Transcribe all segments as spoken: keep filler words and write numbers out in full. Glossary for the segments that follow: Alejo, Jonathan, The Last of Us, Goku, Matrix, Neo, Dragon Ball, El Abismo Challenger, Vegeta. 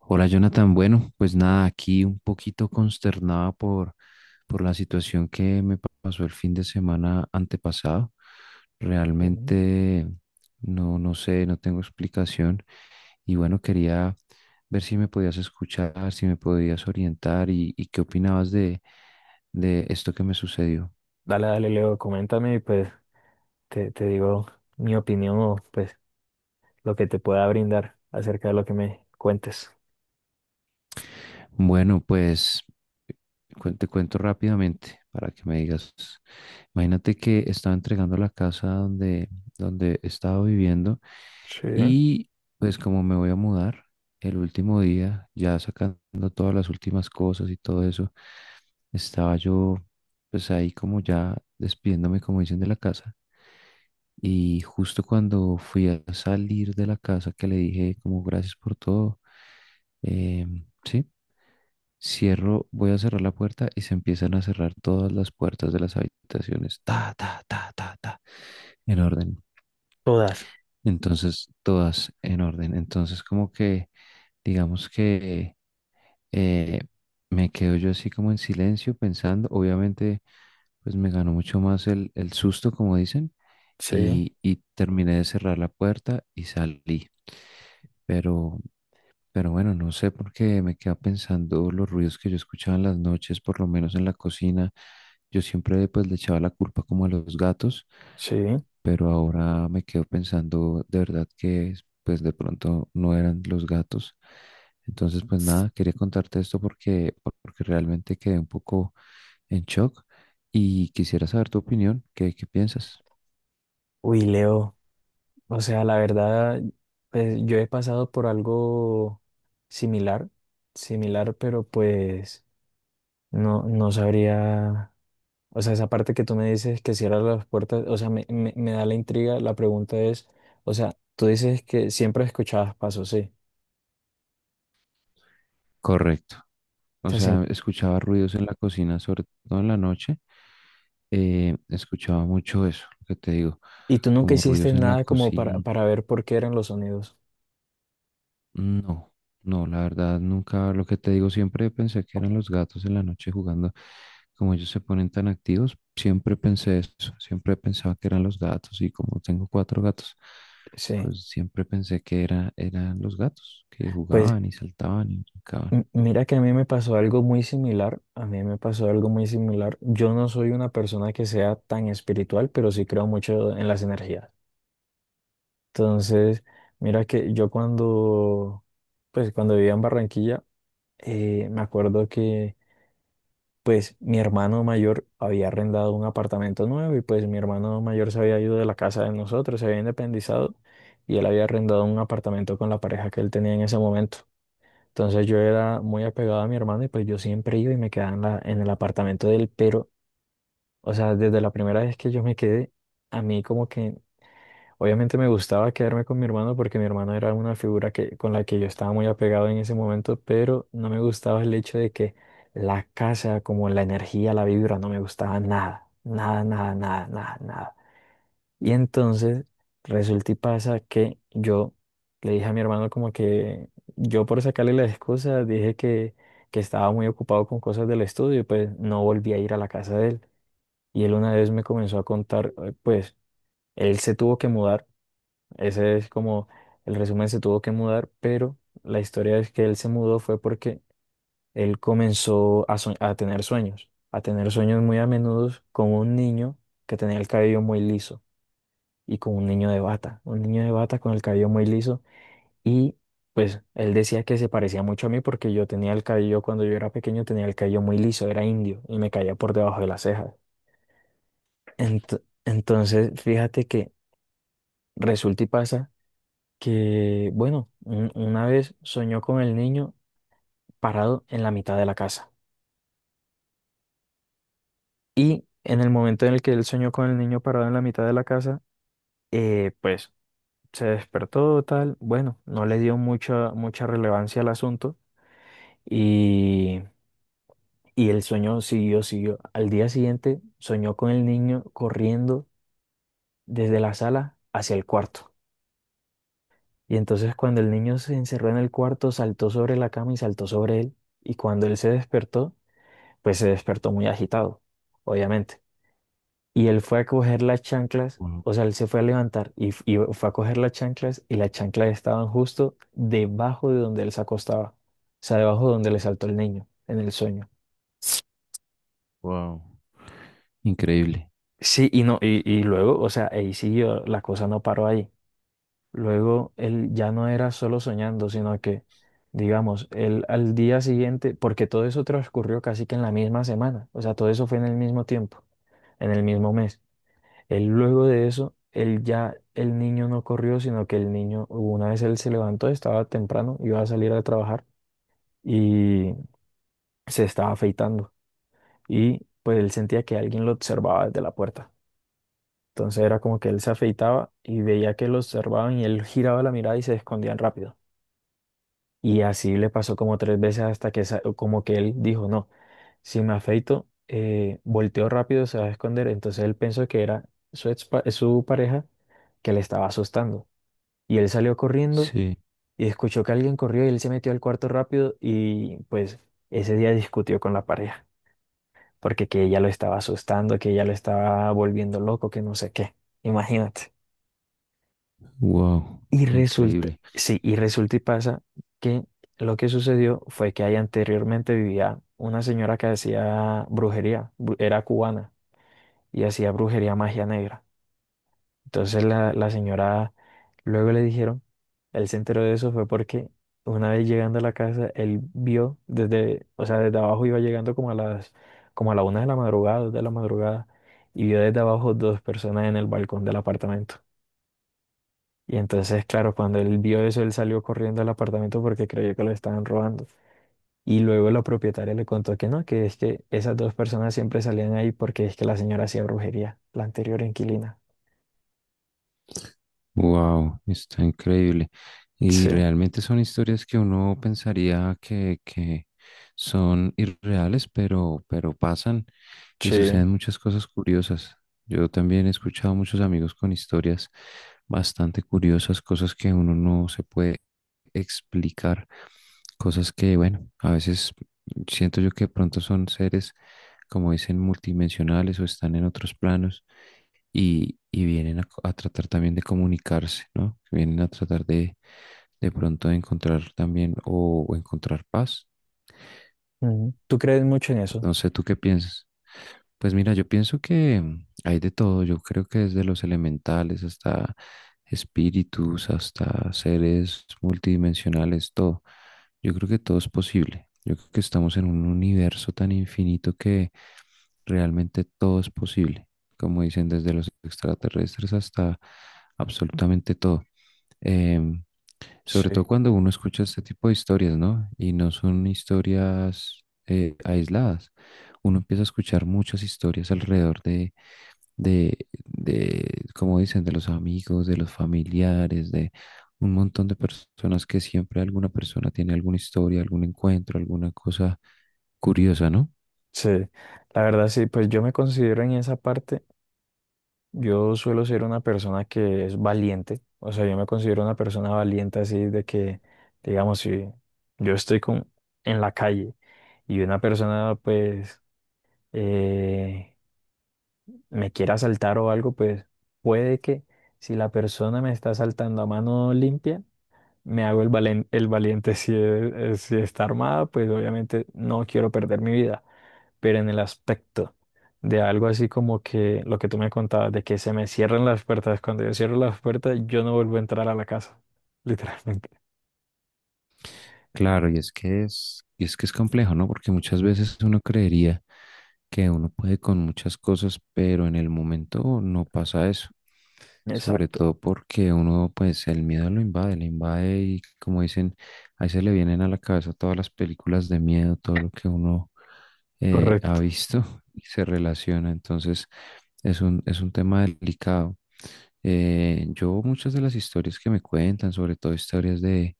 Hola Jonathan, bueno, pues nada, aquí un poquito consternada por, por la situación que me pa- pasó el fin de semana antepasado. Sí. Realmente no, no sé, no tengo explicación y bueno, quería ver si me podías escuchar, si me podías orientar y, y qué opinabas de, de esto que me sucedió. Dale, dale, Leo, coméntame y pues te, te digo mi opinión o pues lo que te pueda brindar acerca de lo que me cuentes. Bueno, pues cuen- te cuento rápidamente para que me digas. Imagínate que estaba entregando la casa donde, donde estaba viviendo Sí. y pues como me voy a mudar el último día, ya sacando todas las últimas cosas y todo eso, estaba yo pues ahí como ya despidiéndome, como dicen, de la casa. Y justo cuando fui a salir de la casa que le dije como gracias por todo, em, sí. Cierro, voy a cerrar la puerta y se empiezan a cerrar todas las puertas de las habitaciones. Ta, ta, ta, ta, ta, en orden. Todas. Entonces, todas en orden. Entonces, como que, digamos que eh, me quedo yo así como en silencio pensando. Obviamente, pues me ganó mucho más el, el susto, como dicen, Sí, y, y terminé de cerrar la puerta y salí. Pero Pero bueno, no sé por qué me queda pensando los ruidos que yo escuchaba en las noches, por lo menos en la cocina. Yo siempre pues le echaba la culpa como a los gatos, sí. pero ahora me quedo pensando de verdad que pues de pronto no eran los gatos. Entonces pues nada, quería contarte esto porque, porque realmente quedé un poco en shock y quisiera saber tu opinión, ¿qué, qué piensas? Uy, Leo, o sea, la verdad, pues yo he pasado por algo similar, similar, pero pues no, no sabría, o sea, esa parte que tú me dices que cierras las puertas, o sea, me, me, me da la intriga, la pregunta es, o sea, tú dices que siempre escuchabas pasos, sí. Correcto. O O sea, sea, escuchaba ruidos en la cocina, sobre todo en la noche. Eh, escuchaba mucho eso, lo que te digo, y tú nunca como hiciste ruidos en la nada como para, cocina. para ver por qué eran los sonidos. No, no, la verdad nunca, lo que te digo, siempre pensé que eran los gatos en la noche jugando, como ellos se ponen tan activos, siempre pensé eso, siempre pensaba que eran los gatos y como tengo cuatro gatos, Sí. pues siempre pensé que era, eran los gatos que Pues jugaban y saltaban y brincaban. m- mira que a mí me pasó algo muy similar. A mí me pasó algo muy similar. Yo no soy una persona que sea tan espiritual, pero sí creo mucho en las energías. Entonces, mira que yo cuando, pues cuando vivía en Barranquilla, eh, me acuerdo que pues mi hermano mayor había arrendado un apartamento nuevo y pues mi hermano mayor se había ido de la casa de nosotros, se había independizado y él había arrendado un apartamento con la pareja que él tenía en ese momento. Entonces yo era muy apegado a mi hermano y pues yo siempre iba y me quedaba en la, en el apartamento de él, pero, o sea, desde la primera vez que yo me quedé, a mí como que obviamente me gustaba quedarme con mi hermano porque mi hermano era una figura que, con la que yo estaba muy apegado en ese momento, pero no me gustaba el hecho de que la casa, como la energía, la vibra, no me gustaba nada, nada, nada, nada, nada, nada. Y entonces resulta y pasa que yo le dije a mi hermano como que yo por sacarle las excusas dije que, que estaba muy ocupado con cosas del estudio y pues no volví a ir a la casa de él. Y él una vez me comenzó a contar, eh, pues él se tuvo que mudar, ese es como el resumen, se tuvo que mudar, pero la historia es que él se mudó fue porque él comenzó a, sue- a tener sueños, a tener sueños muy a menudo con un niño que tenía el cabello muy liso y con un niño de bata, un niño de bata con el cabello muy liso y pues él decía que se parecía mucho a mí porque yo tenía el cabello, cuando yo era pequeño tenía el cabello muy liso, era indio y me caía por debajo de las cejas. Ent- entonces, fíjate que resulta y pasa. Que, bueno, un- una vez soñó con el niño parado en la mitad de la casa. Y en el momento en el que él soñó con el niño parado en la mitad de la casa, eh, pues se despertó tal, bueno, no le dio mucha, mucha relevancia al asunto y, y el sueño siguió, siguió. Al día siguiente soñó con el niño corriendo desde la sala hacia el cuarto. Y entonces cuando el niño se encerró en el cuarto, saltó sobre la cama y saltó sobre él. Y cuando él se despertó, pues se despertó muy agitado, obviamente. Y él fue a coger las chanclas, Wow, o sea, él se fue a levantar y, f- y fue a coger las chanclas y las chanclas estaban justo debajo de donde él se acostaba, o sea, debajo de donde le saltó el niño en el sueño. wow. Increíble. Sí, y no, y, y luego, o sea, ahí siguió, la cosa no paró ahí. Luego él ya no era solo soñando, sino que, digamos, él al día siguiente, porque todo eso transcurrió casi que en la misma semana, o sea, todo eso fue en el mismo tiempo, en el mismo mes. Él luego de eso, él ya, el niño no corrió, sino que el niño, una vez él se levantó, estaba temprano, iba a salir a trabajar y se estaba afeitando. Y pues él sentía que alguien lo observaba desde la puerta. Entonces era como que él se afeitaba y veía que lo observaban y él giraba la mirada y se escondían rápido. Y así le pasó como tres veces hasta que sa- como que él dijo, no, si me afeito, eh, volteo rápido, se va a esconder. Entonces él pensó que era su, ex pa- su pareja que le estaba asustando. Y él salió corriendo Sí. y escuchó que alguien corrió y él se metió al cuarto rápido y pues ese día discutió con la pareja, porque que ella lo estaba asustando, que ella lo estaba volviendo loco, que no sé qué. Imagínate. Wow, Y resulta, increíble. sí, y resulta y pasa que lo que sucedió fue que ahí anteriormente vivía una señora que hacía brujería, bru- era cubana y hacía brujería magia negra. Entonces la, la señora luego le dijeron, él se enteró de eso fue porque una vez llegando a la casa, él vio desde, o sea, desde abajo iba llegando como a las, como a la una de la madrugada, dos de la madrugada, y vio desde abajo dos personas en el balcón del apartamento. Y entonces, claro, cuando él vio eso, él salió corriendo al apartamento porque creyó que lo estaban robando. Y luego la propietaria le contó que no, que es que esas dos personas siempre salían ahí porque es que la señora hacía brujería, la anterior inquilina. Wow, está increíble. Y Sí, realmente son historias que uno pensaría que, que son irreales, pero, pero pasan y sí. suceden muchas cosas curiosas. Yo también he escuchado muchos amigos con historias bastante curiosas, cosas que uno no se puede explicar, cosas que, bueno, a veces siento yo que de pronto son seres, como dicen, multidimensionales o están en otros planos y, y vienen a, co- a tratar también de comunicarse, ¿no? Vienen a tratar de de pronto de encontrar también o, o encontrar paz Ujú. ¿Tú crees mucho en eso? no sé, ¿tú qué piensas? Pues mira, yo pienso que mm, hay de todo. Yo creo que desde los elementales hasta espíritus, hasta seres multidimensionales, todo. Yo creo que todo es posible. Yo creo que estamos en un universo tan infinito que realmente todo es posible. Como dicen, desde los extraterrestres hasta absolutamente todo. Em, Sobre todo Sí, cuando uno escucha este tipo de historias, ¿no? Y no son historias eh, aisladas. Uno empieza a escuchar muchas historias alrededor de, de, de, como dicen, de los amigos, de los familiares, de un montón de personas que siempre alguna persona tiene alguna historia, algún encuentro, alguna cosa curiosa, ¿no? sí, la verdad sí, pues yo me considero en esa parte, yo suelo ser una persona que es valiente, o sea, yo me considero una persona valiente así de que, digamos, si yo estoy con, en la calle y una persona pues eh, me quiere asaltar o algo, pues puede que si la persona me está asaltando a mano limpia, me hago el valen- el valiente, si, es- es- si está armada, pues obviamente no quiero perder mi vida. Pero en el aspecto de algo así como que lo que tú me contabas, de que se me cierran las puertas. Cuando yo cierro las puertas, yo no vuelvo a entrar a la casa, literalmente. Claro, y es que es, y es que es complejo, ¿no? Porque muchas veces uno creería que uno puede con muchas cosas, pero en el momento no pasa eso. Sobre Exacto. todo porque uno, pues, el miedo lo invade, le invade y como dicen, ahí se le vienen a la cabeza todas las películas de miedo, todo lo que uno eh, ha Correcto, visto y se relaciona. Entonces, es un, es un tema delicado. Eh, yo muchas de las historias que me cuentan, sobre todo historias de,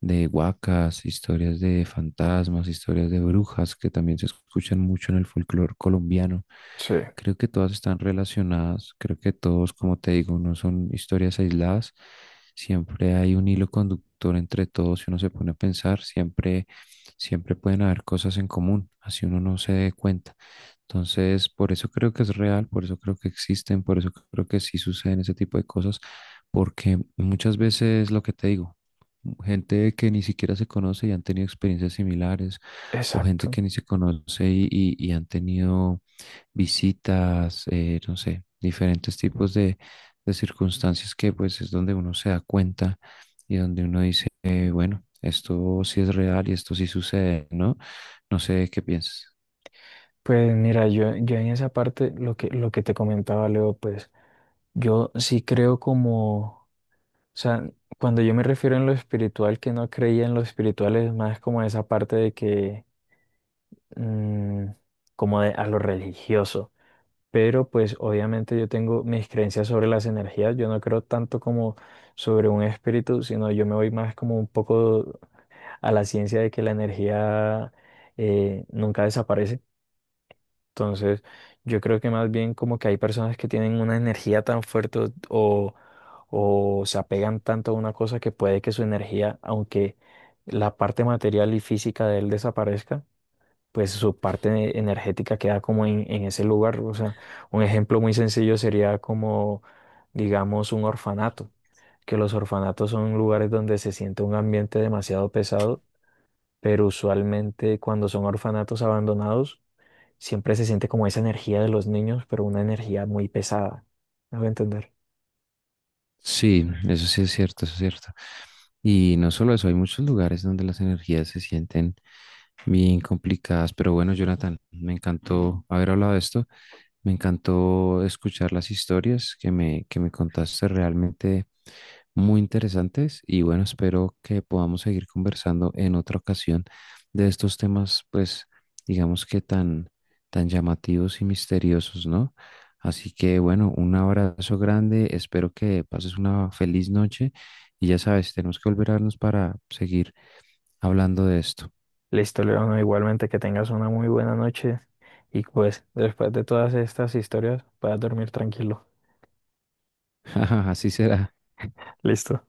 de huacas, historias de fantasmas, historias de brujas, que también se escuchan mucho en el folclore colombiano, sí, creo que todas están relacionadas, creo que todos, como te digo, no son historias aisladas, siempre hay un hilo conductor entre todos, si uno se pone a pensar, siempre, siempre pueden haber cosas en común, así uno no se dé cuenta. Entonces, por eso creo que es real, por eso creo que existen, por eso creo que sí suceden ese tipo de cosas, porque muchas veces lo que te digo, gente que ni siquiera se conoce y han tenido experiencias similares, o gente exacto. que ni se conoce y, y- y han tenido visitas, eh, no sé, diferentes tipos de, de circunstancias que pues es donde uno se da cuenta y donde uno dice, eh, bueno, esto sí es real y esto sí sucede, ¿no? No sé qué piensas. Pues mira, yo, yo en esa parte, lo que, lo que te comentaba, Leo, pues yo sí creo como, o sea, cuando yo me refiero en lo espiritual, que no creía en lo espiritual, es más como esa parte de que, mm, como de, a lo religioso. Pero pues obviamente yo tengo mis creencias sobre las energías, yo no creo tanto como sobre un espíritu, sino yo me voy más como un poco a la ciencia de que la energía eh, nunca desaparece. Entonces, yo creo que más bien como que hay personas que tienen una energía tan fuerte o, o se apegan tanto a una cosa que puede que su energía, aunque la parte material y física de él desaparezca, pues su parte energética queda como en, en ese lugar. O sea, un ejemplo muy sencillo sería como, digamos, un orfanato, que los orfanatos son lugares donde se siente un ambiente demasiado pesado, pero usualmente cuando son orfanatos abandonados, siempre se siente como esa energía de los niños, pero una energía muy pesada. ¿Me voy a entender? Sí, eso sí es cierto, eso es cierto. Y no solo eso, hay muchos lugares donde las energías se sienten bien complicadas, pero bueno, Jonathan, me encantó haber hablado de esto, me encantó escuchar las historias que me, que me contaste, realmente muy interesantes y bueno, espero que podamos seguir conversando en otra ocasión de estos temas, pues digamos que tan, tan llamativos y misteriosos, ¿no? Así que bueno, un abrazo grande, espero que pases una feliz noche y ya sabes, tenemos que volver a vernos para seguir hablando de esto. Listo, León, igualmente que tengas una muy buena noche y pues después de todas estas historias puedas dormir tranquilo. Así será. Listo.